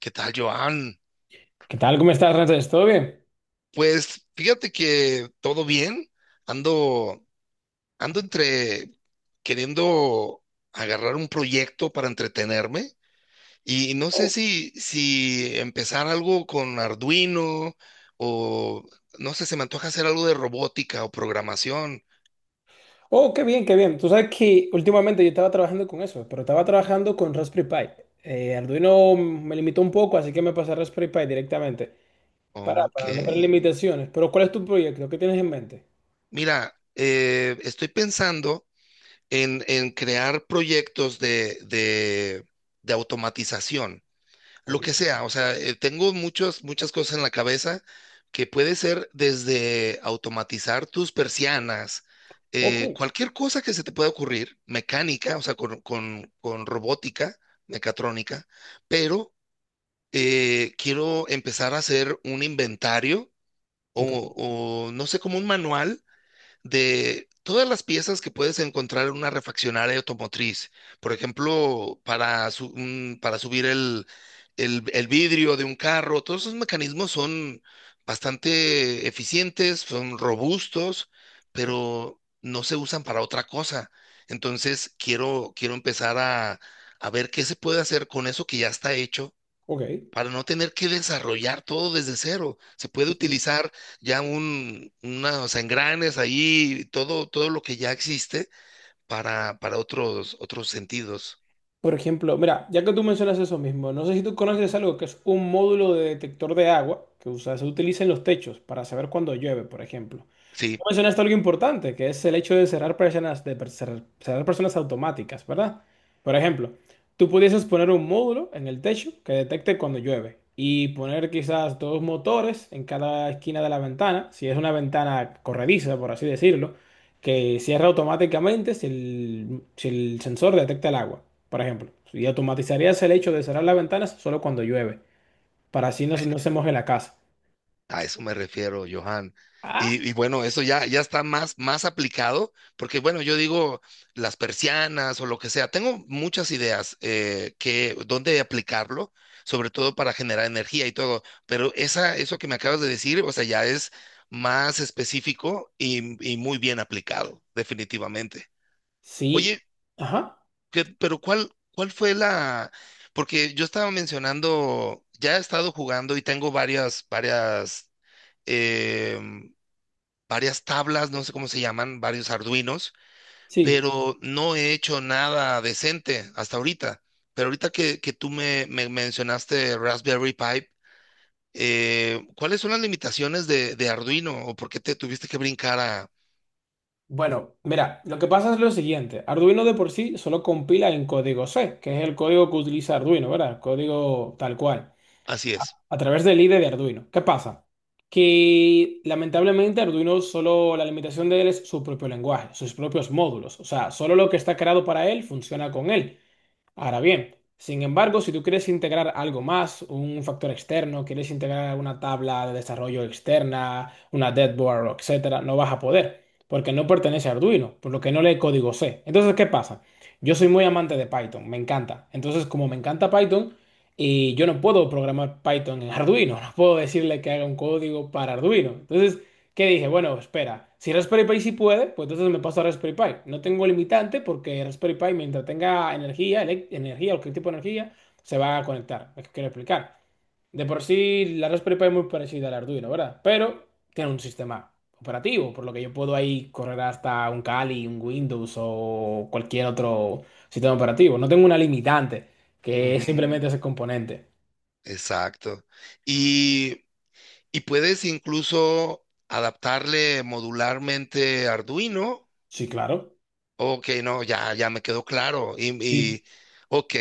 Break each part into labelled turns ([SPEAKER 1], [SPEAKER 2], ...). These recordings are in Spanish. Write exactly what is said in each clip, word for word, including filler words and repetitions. [SPEAKER 1] ¿Qué tal, Joan?
[SPEAKER 2] ¿Qué tal? ¿Cómo estás, Ramses? ¿Todo bien?
[SPEAKER 1] Pues fíjate que todo bien. Ando, ando entre queriendo agarrar un proyecto para entretenerme y no sé si, si empezar algo con Arduino o no sé, se me antoja hacer algo de robótica o programación.
[SPEAKER 2] Oh, qué bien, qué bien. Tú sabes que últimamente yo estaba trabajando con eso, pero estaba trabajando con Raspberry Pi. Eh, Arduino me limitó un poco, así que me pasé a Raspberry Pi directamente. Para,
[SPEAKER 1] Ok.
[SPEAKER 2] para no tener limitaciones. Pero ¿cuál es tu proyecto? ¿Qué tienes en mente?
[SPEAKER 1] Mira, eh, estoy pensando en, en crear proyectos de, de de automatización.
[SPEAKER 2] Ok,
[SPEAKER 1] Lo que sea, o sea, eh, tengo muchas, muchas cosas en la cabeza que puede ser desde automatizar tus persianas,
[SPEAKER 2] ok,
[SPEAKER 1] eh, cualquier cosa que se te pueda ocurrir, mecánica, o sea, con, con- con robótica, mecatrónica, pero eh, quiero empezar a hacer un inventario
[SPEAKER 2] ok,
[SPEAKER 1] o, o no sé, como un manual de todas las piezas que puedes encontrar en una refaccionaria automotriz. Por ejemplo, para, su- un- para subir el, el- el vidrio de un carro, todos esos mecanismos son bastante eficientes, son robustos,
[SPEAKER 2] ok,
[SPEAKER 1] pero no se usan para otra cosa. Entonces, quiero, quiero empezar a, a ver qué se puede hacer con eso que ya está hecho
[SPEAKER 2] ok.
[SPEAKER 1] para no tener que desarrollar todo desde cero. Se puede
[SPEAKER 2] Y,
[SPEAKER 1] utilizar ya un, unos engranes ahí, todo, todo lo que ya existe para, para otros, otros sentidos.
[SPEAKER 2] por ejemplo, mira, ya que tú mencionas eso mismo, no sé si tú conoces algo que es un módulo de detector de agua que usa- se utiliza en los techos para saber cuándo llueve, por ejemplo.
[SPEAKER 1] Sí,
[SPEAKER 2] Mencionaste algo importante, que es el hecho de cerrar personas, de per- cerrar, cerrar personas automáticas, ¿verdad? Por ejemplo, tú pudieses poner un módulo en el techo que detecte cuando llueve y poner quizás dos motores en cada esquina de la ventana, si es una ventana corrediza, por así decirlo, que cierra automáticamente si el, si el sensor detecta el agua, por ejemplo. Y automatizarías el hecho de cerrar las ventanas solo cuando llueve, para así no, se- no se moje la casa.
[SPEAKER 1] a eso me refiero, Johan.
[SPEAKER 2] Ah,
[SPEAKER 1] Y, y bueno, eso ya, ya está más, más aplicado, porque bueno, yo digo las persianas o lo que sea. Tengo muchas ideas eh, que dónde aplicarlo, sobre todo para generar energía y todo. Pero esa, eso que me acabas de decir, o sea, ya es más específico y, y muy bien aplicado, definitivamente.
[SPEAKER 2] sí.
[SPEAKER 1] Oye,
[SPEAKER 2] Ajá.
[SPEAKER 1] que- pero ¿cuál, cuál fue la? Porque yo estaba mencionando, ya he estado jugando y tengo varias, varias. em, varias tablas, no sé cómo se llaman, varios Arduinos,
[SPEAKER 2] Sí.
[SPEAKER 1] pero no he hecho nada decente hasta ahorita. Pero ahorita que, que tú me, me mencionaste Raspberry Pi, eh, ¿cuáles son las limitaciones de, de Arduino o por qué te tuviste que brincar a...
[SPEAKER 2] Bueno, mira, lo que pasa es lo siguiente. Arduino de por sí solo compila en código C, que es el código que utiliza Arduino, ¿verdad? El código tal cual,
[SPEAKER 1] Así es.
[SPEAKER 2] a través del I D E de Arduino. ¿Qué pasa? Que lamentablemente Arduino solo, la limitación de él es su propio lenguaje, sus propios módulos. O sea, solo lo que está creado para él funciona con él. Ahora bien, sin embargo, si tú quieres integrar algo más, un factor externo, quieres integrar una tabla de desarrollo externa, una deadboard, etcétera, no vas a poder, porque no pertenece a Arduino, por lo que no lee código C. Entonces, ¿qué pasa? Yo soy muy amante de Python, me encanta. Entonces, como me encanta Python, y yo no puedo programar Python en Arduino, no puedo decirle que haga un código para Arduino. Entonces, que dije, bueno, espera, si Raspberry Pi sí puede, pues entonces me paso a Raspberry Pi. No tengo limitante porque Raspberry Pi, mientras tenga energía, elec- energía o cualquier tipo de energía, se va a conectar. Es que quiero explicar. De por sí, la Raspberry Pi es muy parecida al Arduino, ¿verdad? Pero tiene un sistema operativo, por lo que yo puedo ahí correr hasta un Kali, un Windows o cualquier otro sistema operativo. No tengo una limitante, que es
[SPEAKER 1] Ujú,
[SPEAKER 2] simplemente ese componente.
[SPEAKER 1] exacto. Y, y puedes incluso adaptarle modularmente Arduino.
[SPEAKER 2] Sí, claro.
[SPEAKER 1] Ok, no, ya, ya me quedó claro. Y,
[SPEAKER 2] Sí.
[SPEAKER 1] y, ok,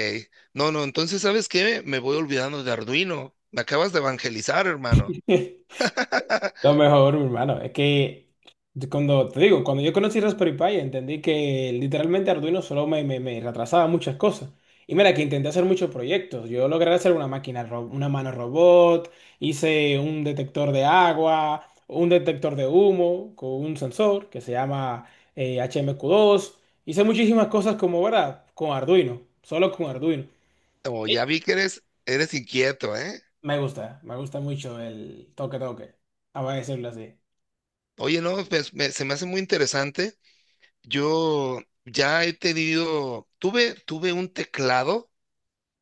[SPEAKER 1] no, no, entonces, ¿sabes qué? Me voy olvidando de Arduino. Me acabas de evangelizar, hermano.
[SPEAKER 2] Lo mejor, mi hermano, es que yo cuando te digo, cuando yo conocí Raspberry Pi, entendí que literalmente Arduino solo me, me, me retrasaba muchas cosas. Y mira que intenté hacer muchos proyectos. Yo logré hacer una máquina, ro- una mano robot, hice un detector de agua, un detector de humo con un sensor que se llama eh, H M Q dos. Hice muchísimas cosas como, ¿verdad? Con Arduino, solo con Arduino.
[SPEAKER 1] Como ya vi que eres, eres inquieto, ¿eh?
[SPEAKER 2] Me gusta, me gusta mucho el toque toque, a decirlo así.
[SPEAKER 1] Oye, no, pues, me- se me hace muy interesante. Yo ya he tenido, tuve, tuve un teclado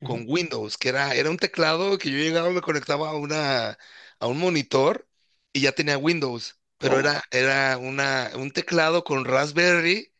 [SPEAKER 2] Ujú.
[SPEAKER 1] con Windows, que era, era un teclado que yo llegaba, me conectaba a una, a un monitor y ya tenía Windows, pero
[SPEAKER 2] ¿Cómo?
[SPEAKER 1] era, era una, un teclado con Raspberry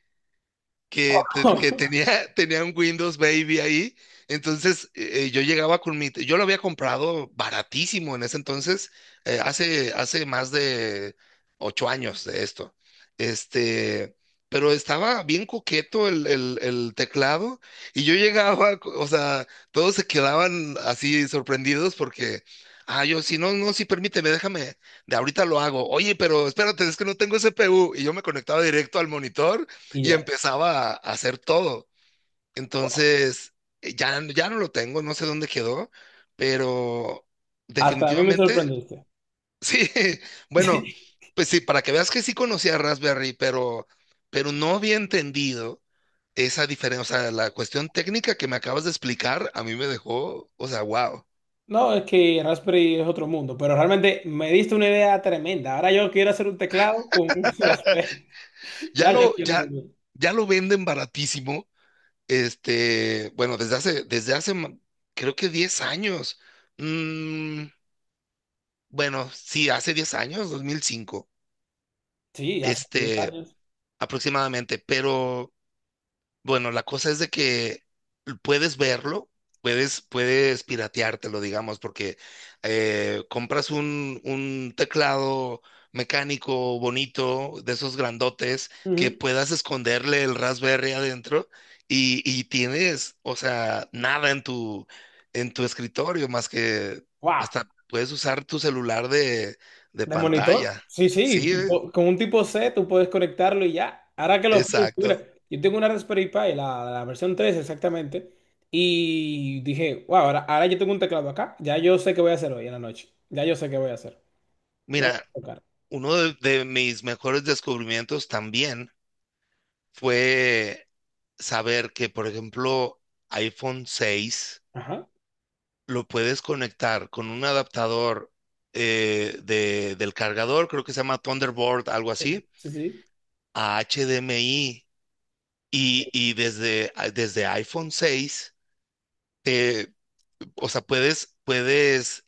[SPEAKER 1] que, te- que tenía, tenía un Windows Baby ahí. Entonces eh, eh, yo llegaba con mi, yo lo había comprado baratísimo en ese entonces, eh, hace, hace más de ocho años de esto. Este, pero estaba bien coqueto el, el, el teclado y yo llegaba, o sea, todos se quedaban así sorprendidos porque, ah, yo, si no, no, sí, permíteme, déjame, de ahorita lo hago. Oye, pero espérate, es que no tengo C P U y yo me conectaba directo al monitor
[SPEAKER 2] Y
[SPEAKER 1] y
[SPEAKER 2] ya.
[SPEAKER 1] empezaba a a hacer todo.
[SPEAKER 2] Wow.
[SPEAKER 1] Entonces, eh, ya, ya no lo tengo, no sé dónde quedó, pero
[SPEAKER 2] Hasta a mí me
[SPEAKER 1] definitivamente,
[SPEAKER 2] sorprendiste.
[SPEAKER 1] sí, bueno, pues sí, para que veas que sí conocía Raspberry, pero, pero no había entendido esa diferencia, o sea, la cuestión técnica que me acabas de explicar, a mí me dejó, o sea, wow.
[SPEAKER 2] No, es que Raspberry es otro mundo, pero realmente me diste una idea tremenda. Ahora yo quiero hacer un teclado con un Raspberry.
[SPEAKER 1] Ya
[SPEAKER 2] Ya yo
[SPEAKER 1] lo,
[SPEAKER 2] quiero
[SPEAKER 1] ya,
[SPEAKER 2] hacer uno.
[SPEAKER 1] ya lo venden baratísimo, este, bueno, desde hace, desde hace, ma- creo que diez años. Mm, bueno, sí, hace diez años, dos mil cinco,
[SPEAKER 2] Sí, hace diez
[SPEAKER 1] este,
[SPEAKER 2] años.
[SPEAKER 1] aproximadamente, pero bueno, la cosa es de que puedes verlo, puedes, puedes pirateártelo, digamos, porque eh, compras un, un teclado mecánico bonito, de esos grandotes, que
[SPEAKER 2] Ujú.
[SPEAKER 1] puedas esconderle el Raspberry adentro y, y tienes, o sea, nada en tu, en tu escritorio, más que
[SPEAKER 2] Wow.
[SPEAKER 1] hasta puedes usar tu celular de, de
[SPEAKER 2] ¿De monitor?
[SPEAKER 1] pantalla.
[SPEAKER 2] Sí, sí,
[SPEAKER 1] Sí, eh,
[SPEAKER 2] tipo, con un tipo C tú puedes conectarlo y ya. Ahora que lo pienso, mira,
[SPEAKER 1] exacto.
[SPEAKER 2] yo tengo una Raspberry Pi, la, la versión tres exactamente, y dije, wow, ahora, ahora yo tengo un teclado acá, ya yo sé qué voy a hacer hoy en la noche. Ya yo sé qué voy a hacer. No voy
[SPEAKER 1] Mira,
[SPEAKER 2] a tocar.
[SPEAKER 1] uno de, de mis mejores descubrimientos también fue saber que, por ejemplo, iPhone seis
[SPEAKER 2] Ajá.
[SPEAKER 1] lo puedes conectar con un adaptador eh, de- del cargador, creo que se llama Thunderbolt, algo
[SPEAKER 2] Sí,
[SPEAKER 1] así,
[SPEAKER 2] sí, sí.
[SPEAKER 1] a H D M I y, y desde, desde iPhone seis, eh, o sea, puedes, puedes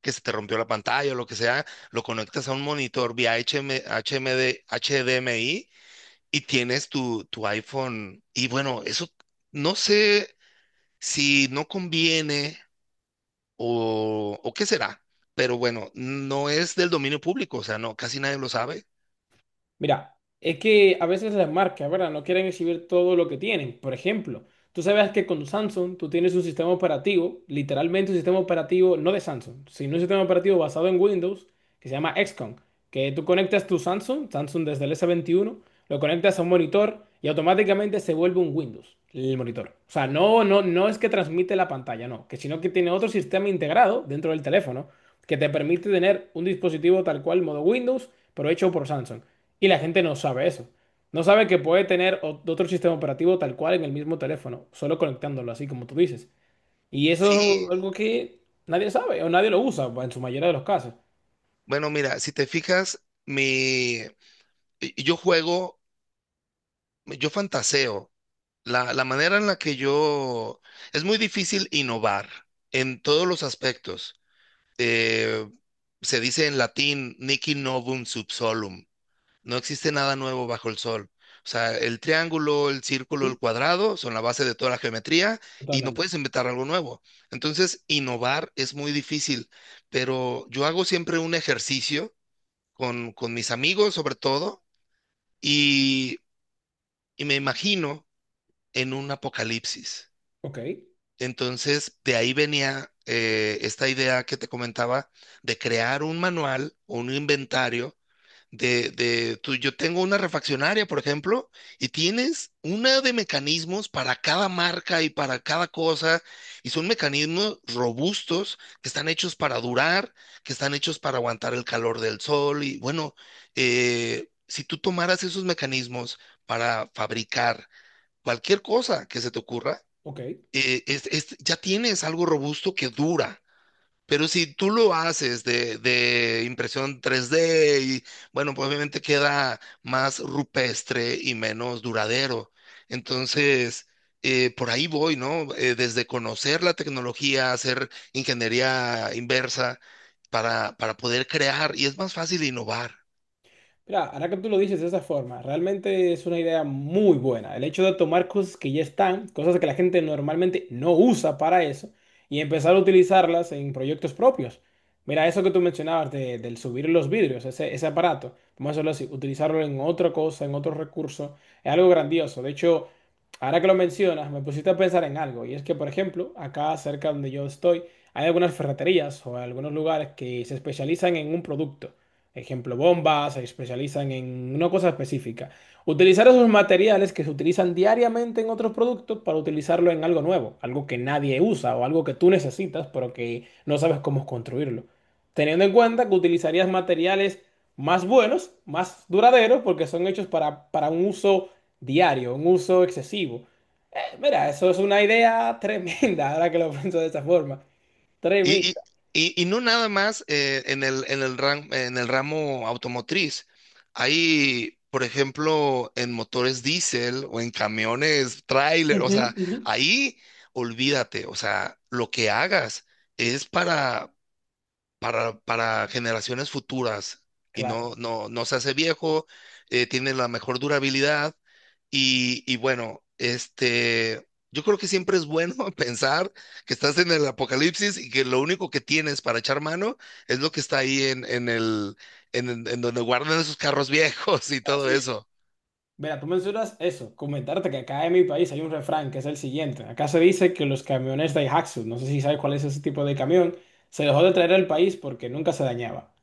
[SPEAKER 1] que se te rompió la pantalla o lo que sea, lo conectas a un monitor vía H M H M D H D M I y tienes tu, tu iPhone. Y bueno, eso no sé si no conviene o, o qué será, pero bueno, no es del dominio público, o sea, no, casi nadie lo sabe.
[SPEAKER 2] Mira, es que a veces las marcas, ¿verdad? No quieren exhibir todo lo que tienen. Por ejemplo, tú sabes que con Samsung tú tienes un sistema operativo, literalmente un sistema operativo, no de Samsung, sino un sistema operativo basado en Windows que se llama equis com, que tú conectas tu Samsung, Samsung desde el s veintiuno lo conectas a un monitor y automáticamente se vuelve un Windows, el monitor. O sea, no, no, no es que transmite la pantalla, no, que sino que tiene otro sistema integrado dentro del teléfono que te permite tener un dispositivo tal cual modo Windows por hecho por Samsung. Y la gente no sabe eso. No sabe que puede tener o- otro sistema operativo tal cual en el mismo teléfono, solo conectándolo, así como tú dices. Y eso
[SPEAKER 1] Sí,
[SPEAKER 2] es algo que nadie sabe o nadie lo usa, en su mayoría de los casos.
[SPEAKER 1] bueno, mira, si te fijas, mi, yo juego, yo fantaseo. La, la manera en la que yo... Es muy difícil innovar en todos los aspectos. Eh, Se dice en latín, niki novum sub solum. No existe nada nuevo bajo el sol. O sea, el triángulo, el círculo,
[SPEAKER 2] ¿Mm?
[SPEAKER 1] el cuadrado son la base de toda la geometría y no
[SPEAKER 2] Totalmente.
[SPEAKER 1] puedes inventar algo nuevo. Entonces, innovar es muy difícil, pero yo hago siempre un ejercicio con, con mis amigos sobre todo y, y me imagino en un apocalipsis.
[SPEAKER 2] Ok,
[SPEAKER 1] Entonces, de ahí venía eh, esta idea que te comentaba de crear un manual o un inventario de, de tú, yo tengo una refaccionaria, por ejemplo, y tienes una de mecanismos para cada marca y para cada cosa, y son mecanismos robustos que están hechos para durar, que están hechos para aguantar el calor del sol, y bueno, eh, si tú tomaras esos mecanismos para fabricar cualquier cosa que se te ocurra,
[SPEAKER 2] ok.
[SPEAKER 1] eh, es- es- ya tienes algo robusto que dura. Pero si tú lo haces de, de impresión tres D y bueno, pues obviamente queda más rupestre y menos duradero. Entonces, eh, por ahí voy, ¿no? Eh, desde conocer la tecnología, hacer ingeniería inversa para, para poder crear y es más fácil innovar.
[SPEAKER 2] Mira, ahora que tú lo dices de esa forma, realmente es una idea muy buena. El hecho de tomar cosas que ya están, cosas que la gente normalmente no usa para eso, y empezar a utilizarlas en proyectos propios. Mira, eso que tú mencionabas de- del subir los vidrios, ese, ese aparato, vamos a hacerlo así, utilizarlo en otra cosa, en otro recurso, es algo grandioso. De hecho, ahora que lo mencionas, me pusiste a pensar en algo, y es que, por ejemplo, acá cerca donde yo estoy, hay algunas ferreterías o algunos lugares que se especializan en un producto. Ejemplo, bombas, se especializan en una cosa específica. Utilizar esos materiales que se utilizan diariamente en otros productos para utilizarlo en algo nuevo, algo que nadie usa o algo que tú necesitas, pero que no sabes cómo construirlo. Teniendo en cuenta que utilizarías materiales más buenos, más duraderos, porque son hechos para, para un uso diario, un uso excesivo. Eh, mira, eso es una idea tremenda, ahora que lo pienso de esa forma. Tremenda.
[SPEAKER 1] Y, y, y- y no nada más eh, en el, en el ram- en el ramo automotriz. Hay, por ejemplo, en motores diésel o en camiones, tráiler, o
[SPEAKER 2] Ujú,
[SPEAKER 1] sea,
[SPEAKER 2] ujú.
[SPEAKER 1] ahí olvídate, o sea, lo que hagas es para, para, para generaciones futuras y
[SPEAKER 2] Claro.
[SPEAKER 1] no, no, no se hace viejo, eh, tiene la mejor durabilidad y, y bueno, este, yo creo que siempre es bueno pensar que estás en el apocalipsis y que lo único que tienes para echar mano es lo que está ahí en, en el, en, en en donde guardan esos carros viejos y todo
[SPEAKER 2] Así.
[SPEAKER 1] eso.
[SPEAKER 2] Mira, tú mencionas eso, comentarte que acá en mi país hay un refrán que es el siguiente. Acá se dice que los camiones Daihatsu, no sé si sabes cuál es ese tipo de camión, se dejó de traer al país porque nunca se dañaba.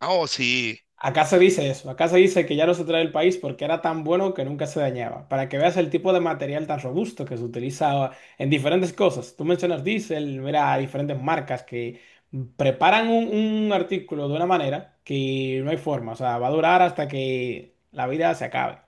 [SPEAKER 1] Ah, oh, sí.
[SPEAKER 2] Acá se dice eso, acá se dice que ya no se trae al país porque era tan bueno que nunca se dañaba. Para que veas el tipo de material tan robusto que se utilizaba en diferentes cosas. Tú mencionas diésel, mira, hay diferentes marcas que preparan un, un artículo de una manera que no hay forma, o sea, va a durar hasta que la vida se acabe.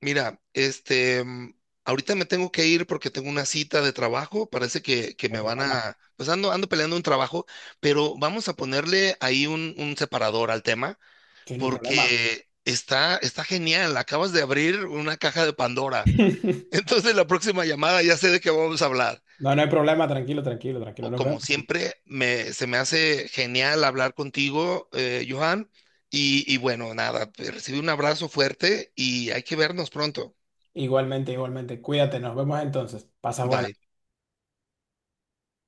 [SPEAKER 1] Mira, este, mm, ahorita me tengo que ir porque tengo una cita de trabajo. Parece que, que
[SPEAKER 2] El
[SPEAKER 1] me van
[SPEAKER 2] problema.
[SPEAKER 1] a, pues ando, ando peleando un trabajo, pero vamos a ponerle ahí un, un separador al tema
[SPEAKER 2] Sí, no hay problema.
[SPEAKER 1] porque está, está genial. Acabas de abrir una caja de Pandora. Entonces la próxima llamada ya sé de qué vamos a hablar.
[SPEAKER 2] No, no hay problema, tranquilo, tranquilo, tranquilo.
[SPEAKER 1] O
[SPEAKER 2] Nos
[SPEAKER 1] como
[SPEAKER 2] vemos.
[SPEAKER 1] siempre, me, se me hace genial hablar contigo, eh, Johan. Y, y bueno, nada, te recibí un abrazo fuerte y hay que vernos pronto.
[SPEAKER 2] Igualmente, igualmente. Cuídate, nos vemos entonces. Pasa buena.
[SPEAKER 1] Bye.